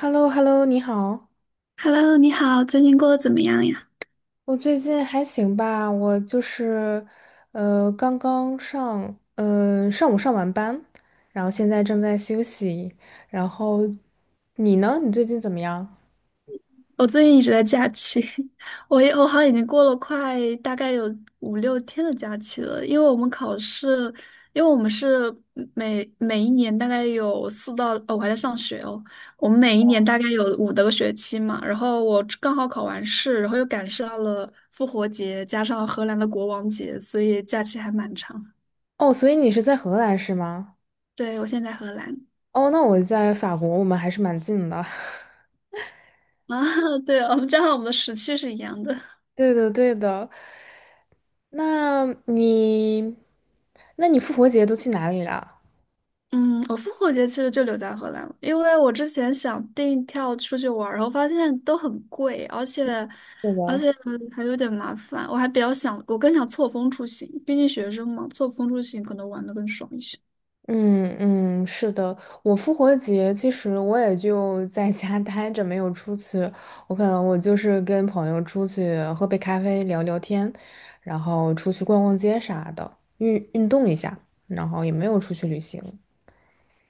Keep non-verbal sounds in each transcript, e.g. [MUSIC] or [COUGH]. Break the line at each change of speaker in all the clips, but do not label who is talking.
h e l l o h e l l o 你好。
Hello，你好，最近过得怎么样呀？
我最近还行吧，我就是，刚刚上，呃，上午上完班，然后现在正在休息。然后你呢？你最近怎么样？
我最近一直在假期，[LAUGHS] 我好像已经过了快大概有5、6天的假期了，因为我们考试，因为我们是每一年大概有哦，我还在上学哦，我们每一年大概有五的个学期嘛，然后我刚好考完试，然后又赶上了复活节，加上荷兰的国王节，所以假期还蛮长。
哦，所以你是在荷兰是吗？
对，我现在在荷兰
哦，那我在法国，我们还是蛮近的。
[LAUGHS] 啊，对，我们加上我们的时区是一样的。
[LAUGHS] 对的，对的。那你，那你复活节都去哪里了？
嗯，我复活节其实就留在荷兰了，因为我之前想订票出去玩儿然后发现都很贵，而且
对
而
的。
且嗯还有点麻烦。我还比较想，我更想错峰出行，毕竟学生嘛，错峰出行可能玩的更爽一些。
嗯嗯，是的，我复活节其实我也就在家待着，没有出去。我可能我就是跟朋友出去喝杯咖啡聊聊天，然后出去逛逛街啥的，运动一下，然后也没有出去旅行。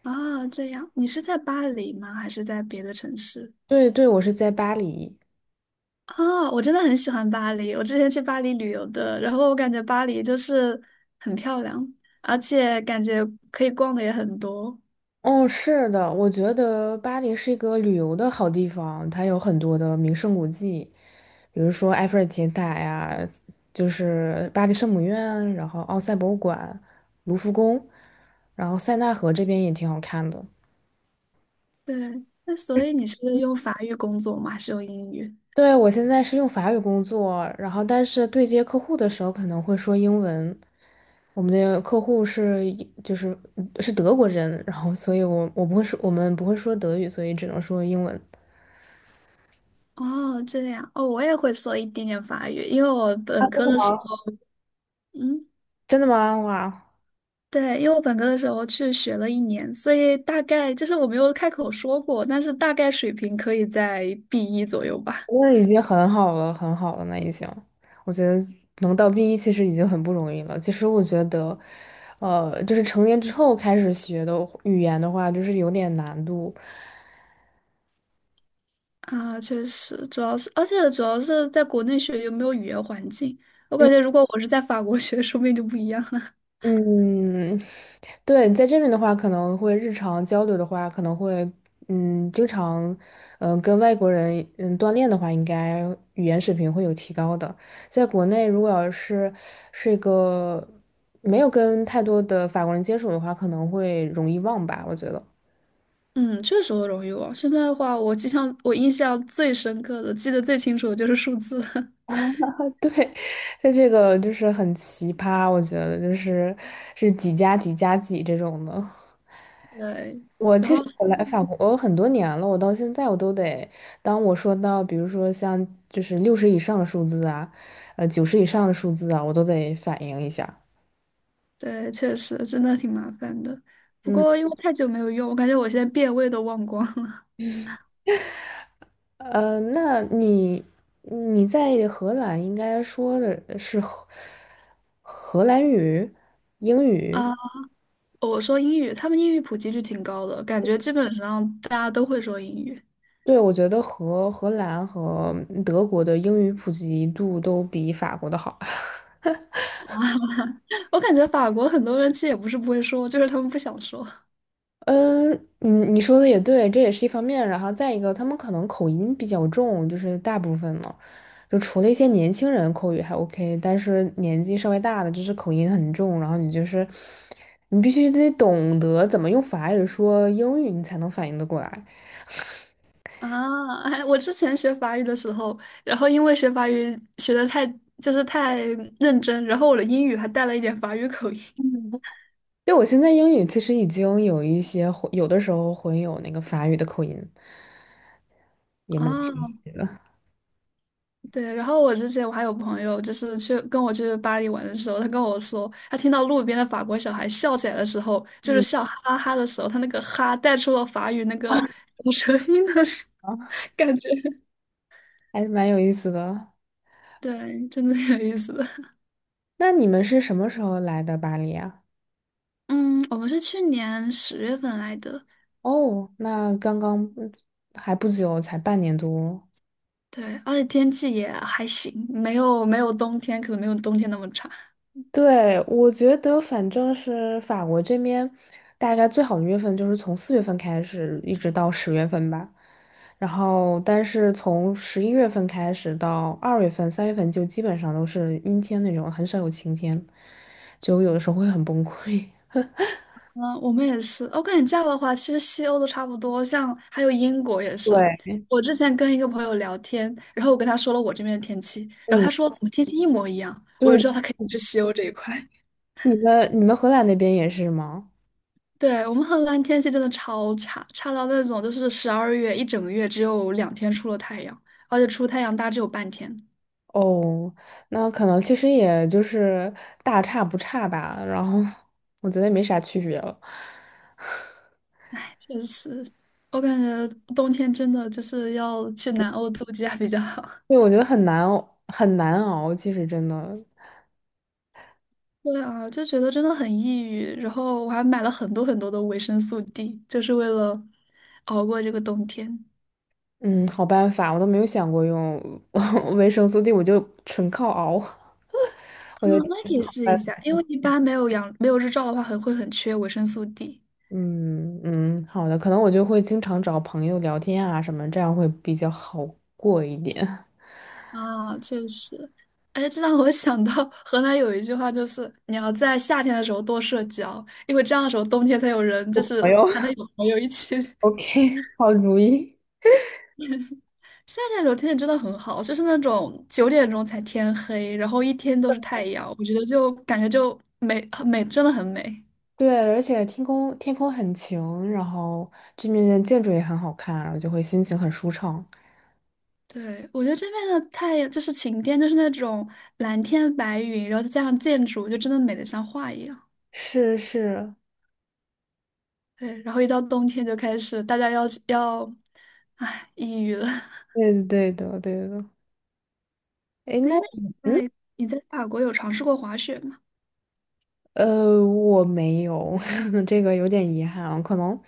啊，这样，你是在巴黎吗？还是在别的城市？
对对，我是在巴黎。
啊，我真的很喜欢巴黎，我之前去巴黎旅游的，然后我感觉巴黎就是很漂亮，而且感觉可以逛的也很多。
哦，是的，我觉得巴黎是一个旅游的好地方，它有很多的名胜古迹，比如说埃菲尔铁塔呀，就是巴黎圣母院，然后奥赛博物馆、卢浮宫，然后塞纳河这边也挺好看的。
对，那所以你是用法语工作吗？还是用英语？
对，我现在是用法语工作，然后但是对接客户的时候可能会说英文。我们的客户就是是德国人，然后所以我们不会说德语，所以只能说英文。
哦，这样哦，我也会说一点点法语，因为我本科的时候，嗯，
真的吗？哇！
对，因为我本科的时候去学了一年，所以大概就是我没有开口说过，但是大概水平可以在 B1 左右吧。
那已经很好了，很好了，那已经，我觉得能到 B1其实已经很不容易了。其实我觉得，就是成年之后开始学的语言的话，就是有点难度。
啊，确实，主要是，而且主要是在国内学有没有语言环境，我
嗯，
感觉如果我是在法国学，说不定就不一样了。
嗯对，你在这边的话，可能会日常交流的话，可能会，经常，跟外国人，锻炼的话，应该语言水平会有提高的。在国内，如果要是是一个没有跟太多的法国人接触的话，可能会容易忘吧，我觉得。
嗯，确实会容易忘。现在的话，我经常我印象最深刻的、记得最清楚的就是数字了
[LAUGHS] 对，在这个就是很奇葩，我觉得就是是几加几加几这种的。
对，然后
我来法国我很多年了，我到现在我都得，当我说到比如说像就是60以上的数字啊，90以上的数字啊，我都得反应一下。
对，确实真的挺麻烦的。不
嗯，
过因为太久没有用，我感觉我现在变味都忘光了
那你在荷兰应该说的是荷兰语、英
[LAUGHS]
语，
啊。我说英语，他们英语普及率挺高的，感觉基本上大家都会说英语。
对，我觉得荷兰和德国的英语普及度都比法国的好。
[LAUGHS] 我感觉法国很多人其实也不是不会说，就是他们不想说
嗯，你说的也对，这也是一方面。然后再一个，他们可能口音比较重，就是大部分呢，就除了一些年轻人口语还 OK,但是年纪稍微大的，就是口音很重。然后你就是，你必须得懂得怎么用法语说英语，你才能反应得过来。
啊。哎，我之前学法语的时候，然后因为学法语学的太就是太认真，然后我的英语还带了一点法语口音
对，我现在英语其实已经有一些混有的时候混有那个法语的口音，也
啊。
蛮
对，然后我之前我还有朋友，就是去跟我去巴黎玩的时候，他跟我说，他听到路边的法国小孩笑起来的时候，就是笑哈哈的时候，他那个哈带出了法语那个吐舌音的声
[LAUGHS]，
感觉，
还是蛮有意思的。
对，真的挺有意思的。
那你们是什么时候来的巴黎啊？
嗯，我们是去年10月份来的，
哦，那刚刚还不久，才半年多。
对，而且天气也还行，没有冬天，可能没有冬天那么差。
对，我觉得反正是法国这边，大概最好的月份就是从4月份开始，一直到10月份吧。然后，但是从11月份开始到2月份、3月份就基本上都是阴天那种，很少有晴天，就有的时候会很崩溃。
嗯，我们也是。我感觉这样的话，其实西欧都差不多，像还有英国也是。
[LAUGHS] 对，
我之前跟一个朋友聊天，然后我跟他说了我这边的天气，然后
嗯，
他说怎么天气一模一样，我就
对，
知道他肯定是西欧这一块。[LAUGHS]
你们荷兰那边也是吗？
对，我们荷兰天气真的超差，差到那种就是12月一整个月只有2天出了太阳，而且出太阳大概只有半天。
哦，那可能其实也就是大差不差吧，然后我觉得也没啥区别了。[LAUGHS]
确实，我感觉冬天真的就是要去南欧度假比较好。
对，我觉得很难熬，很难熬，其实真的，
对啊，就觉得真的很抑郁。然后我还买了很多很多的维生素 D，就是为了熬过这个冬天。
嗯，好办法，我都没有想过用 [LAUGHS] 维生素 D,我就纯靠熬。我
嗯，
觉
那
得，
可以试一下，因为一般没有日照的话，很会很缺维生素 D。
嗯嗯，好的，可能我就会经常找朋友聊天啊什么，这样会比较好过一点。[LAUGHS]
啊，确实。哎，这让我想到河南有一句话，就是你要在夏天的时候多社交，因为这样的时候冬天才有人，
我
就
朋
是
友
才能有朋友一起
[LAUGHS]，OK,好主意。
夏天的时候天气真的很好，就是那种9点钟才天黑，然后一天都是太阳，我觉得就感觉就美很美，真的很美。
对，而且天空很晴，然后这面的建筑也很好看，然后就会心情很舒畅。
对，我觉得这边的太阳就是晴天，就是那种蓝天白云，然后再加上建筑，就真的美得像画一样。
是是，
对，然后一到冬天就开始大家要，唉，抑郁了。[LAUGHS]
对的对的对的。哎，
哎，
那
那你
嗯
在你在法国有尝试过滑雪吗？
我没有，[LAUGHS] 这个有点遗憾啊，可能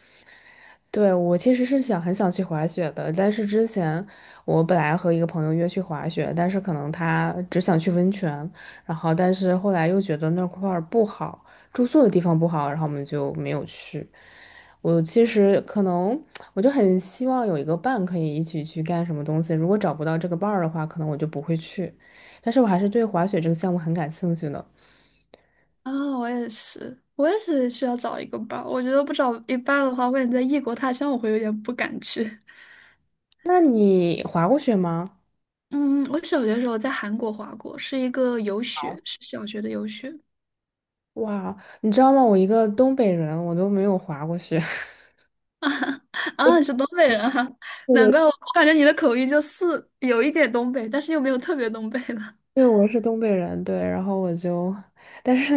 对，我其实是想很想去滑雪的，但是之前我本来和一个朋友约去滑雪，但是可能他只想去温泉，然后但是后来又觉得那块儿不好，住宿的地方不好，然后我们就没有去。我其实可能我就很希望有一个伴可以一起去干什么东西，如果找不到这个伴儿的话，可能我就不会去。但是我还是对滑雪这个项目很感兴趣的。
啊、我也是，我也是需要找一个伴儿。我觉得不找一伴的话，我感觉在异国他乡我会有点不敢去。
那你滑过雪吗？
嗯，我小学的时候在韩国滑过，是一个游学，是小学的游学。
哇，你知道吗？我一个东北人，我都没有滑过雪。[LAUGHS]
[LAUGHS] 啊，你是东北人啊，[LAUGHS] 难怪我，我感觉你的口音就是有一点东北，但是又没有特别东北的。[LAUGHS]
对，我是东北人，对，然后我就，但是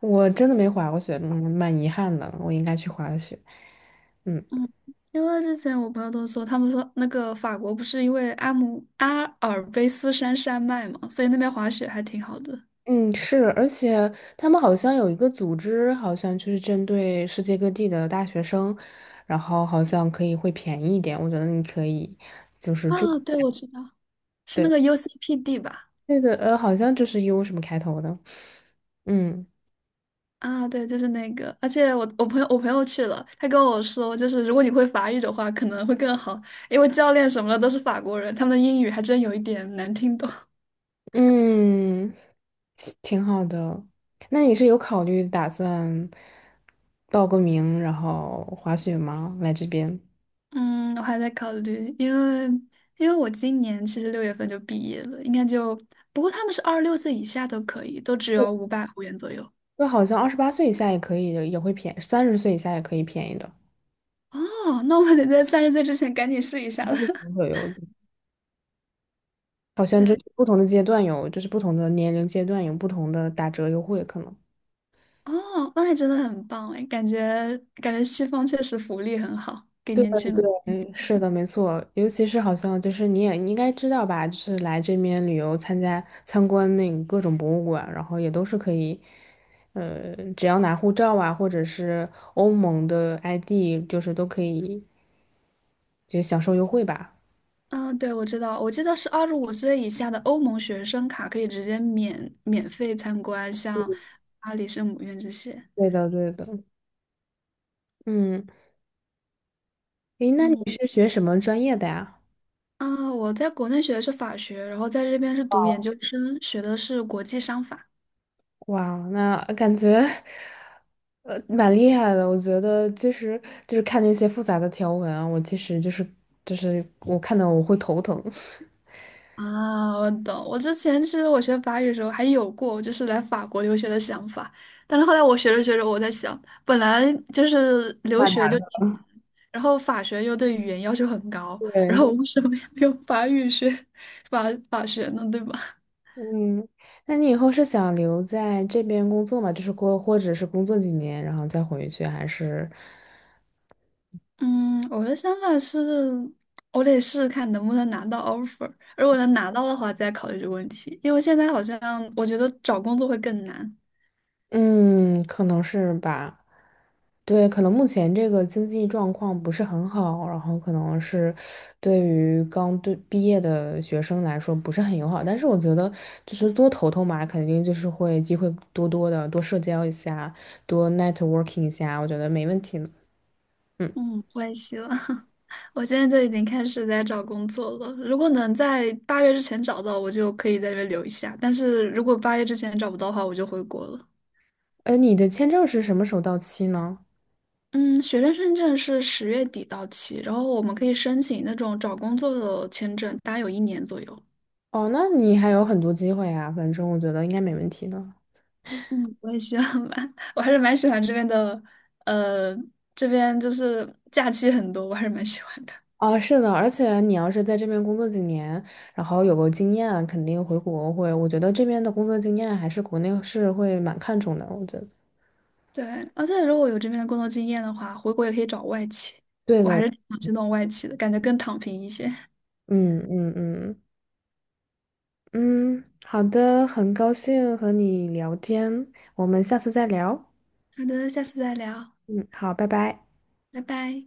我真的没滑过雪，嗯，蛮遗憾的，我应该去滑雪。嗯
嗯，因为之前我朋友都说，他们说那个法国不是因为阿尔卑斯山山脉嘛，所以那边滑雪还挺好的。
嗯，是，而且他们好像有一个组织，好像就是针对世界各地的大学生，然后好像可以会便宜一点，我觉得你可以，
啊，对，我知道，是那
对，
个 UCPD 吧？
对个，好像就是 U 什么开头的，嗯。
啊，对，就是那个，而且我朋友去了，他跟我说，就是如果你会法语的话，可能会更好，因为教练什么的都是法国人，他们的英语还真有一点难听懂。
嗯，挺好的。那你是有考虑打算报个名，然后滑雪吗？来这边，
[LAUGHS] 嗯，我还在考虑，因为我今年其实6月份就毕业了，应该就，不过他们是26岁以下都可以，都只有500欧元左右。
这好像28岁以下也可以，也会便宜，30岁以下也可以便宜的。
哦，那我得在30岁之前赶紧试一下
它
了。
是不会有，好
[LAUGHS]
像就
对，
是不同的阶段有，就是不同的年龄阶段有不同的打折优惠可能。
哦，那还真的很棒哎，感觉感觉西方确实福利很好，给
对。
年轻人。
嗯，是的，没错，尤其是好像就是你应该知道吧，就是来这边旅游参观那个各种博物馆，然后也都是可以，只要拿护照啊，或者是欧盟的 ID,就是都可以就享受优惠吧。
嗯，对，我知道，我记得是25岁以下的欧盟学生卡可以直接免费参观，像巴黎圣母院这些。
对的，对的。嗯，诶，那你
嗯，
是学什么专业的呀？
啊，我在国内学的是法学，然后在这边是读研究生，学的是国际商法。
哇，那感觉蛮厉害的。我觉得其实就是看那些复杂的条文啊，我其实就是我看到我会头疼。[LAUGHS]
啊，我懂。我之前其实我学法语的时候还有过，就是来法国留学的想法，但是后来我学着学着，我在想，本来就是留学就挺难，然后法学又对语言要求很高，然
对，
后我为什么要用法语学法法学呢？对吧？[LAUGHS]
嗯，那你以后是想留在这边工作嘛？就是过，或者是工作几年，然后再回去，还是，
嗯，我的想法是，我得试试看能不能拿到 offer，如果能拿到的话，再考虑这个问题，因为现在好像我觉得找工作会更难。
嗯，可能是吧。对，可能目前这个经济状况不是很好，然后可能是对于刚对毕业的学生来说不是很友好。但是我觉得，就是多投投嘛，肯定就是会机会多多的，多社交一下，多 networking 一下，我觉得没问题呢。嗯，
嗯，我也希望。[LAUGHS] 我现在就已经开始在找工作了。如果能在八月之前找到，我就可以在这边留一下。但是如果八月之前找不到的话，我就回国了。
你的签证是什么时候到期呢？
嗯，学生签证是10月底到期，然后我们可以申请那种找工作的签证，大概有一年左右。
哦，那你还有很多机会啊，反正我觉得应该没问题的。
嗯，我也希望吧。[LAUGHS] 我还是蛮喜欢这边的，呃，这边就是假期很多，我还是蛮喜欢的。
啊，是的，而且你要是在这边工作几年，然后有个经验啊，肯定回国会，我觉得这边的工作经验还是国内是会蛮看重的，我觉得。
对，而且如果有这边的工作经验的话，回国也可以找外企。
对
我还
的，
是挺想去弄外企的，感觉更躺平一些。
嗯嗯嗯嗯，好的，很高兴和你聊天，我们下次再聊。
好的，下次再聊，
嗯，好，拜拜。
拜拜。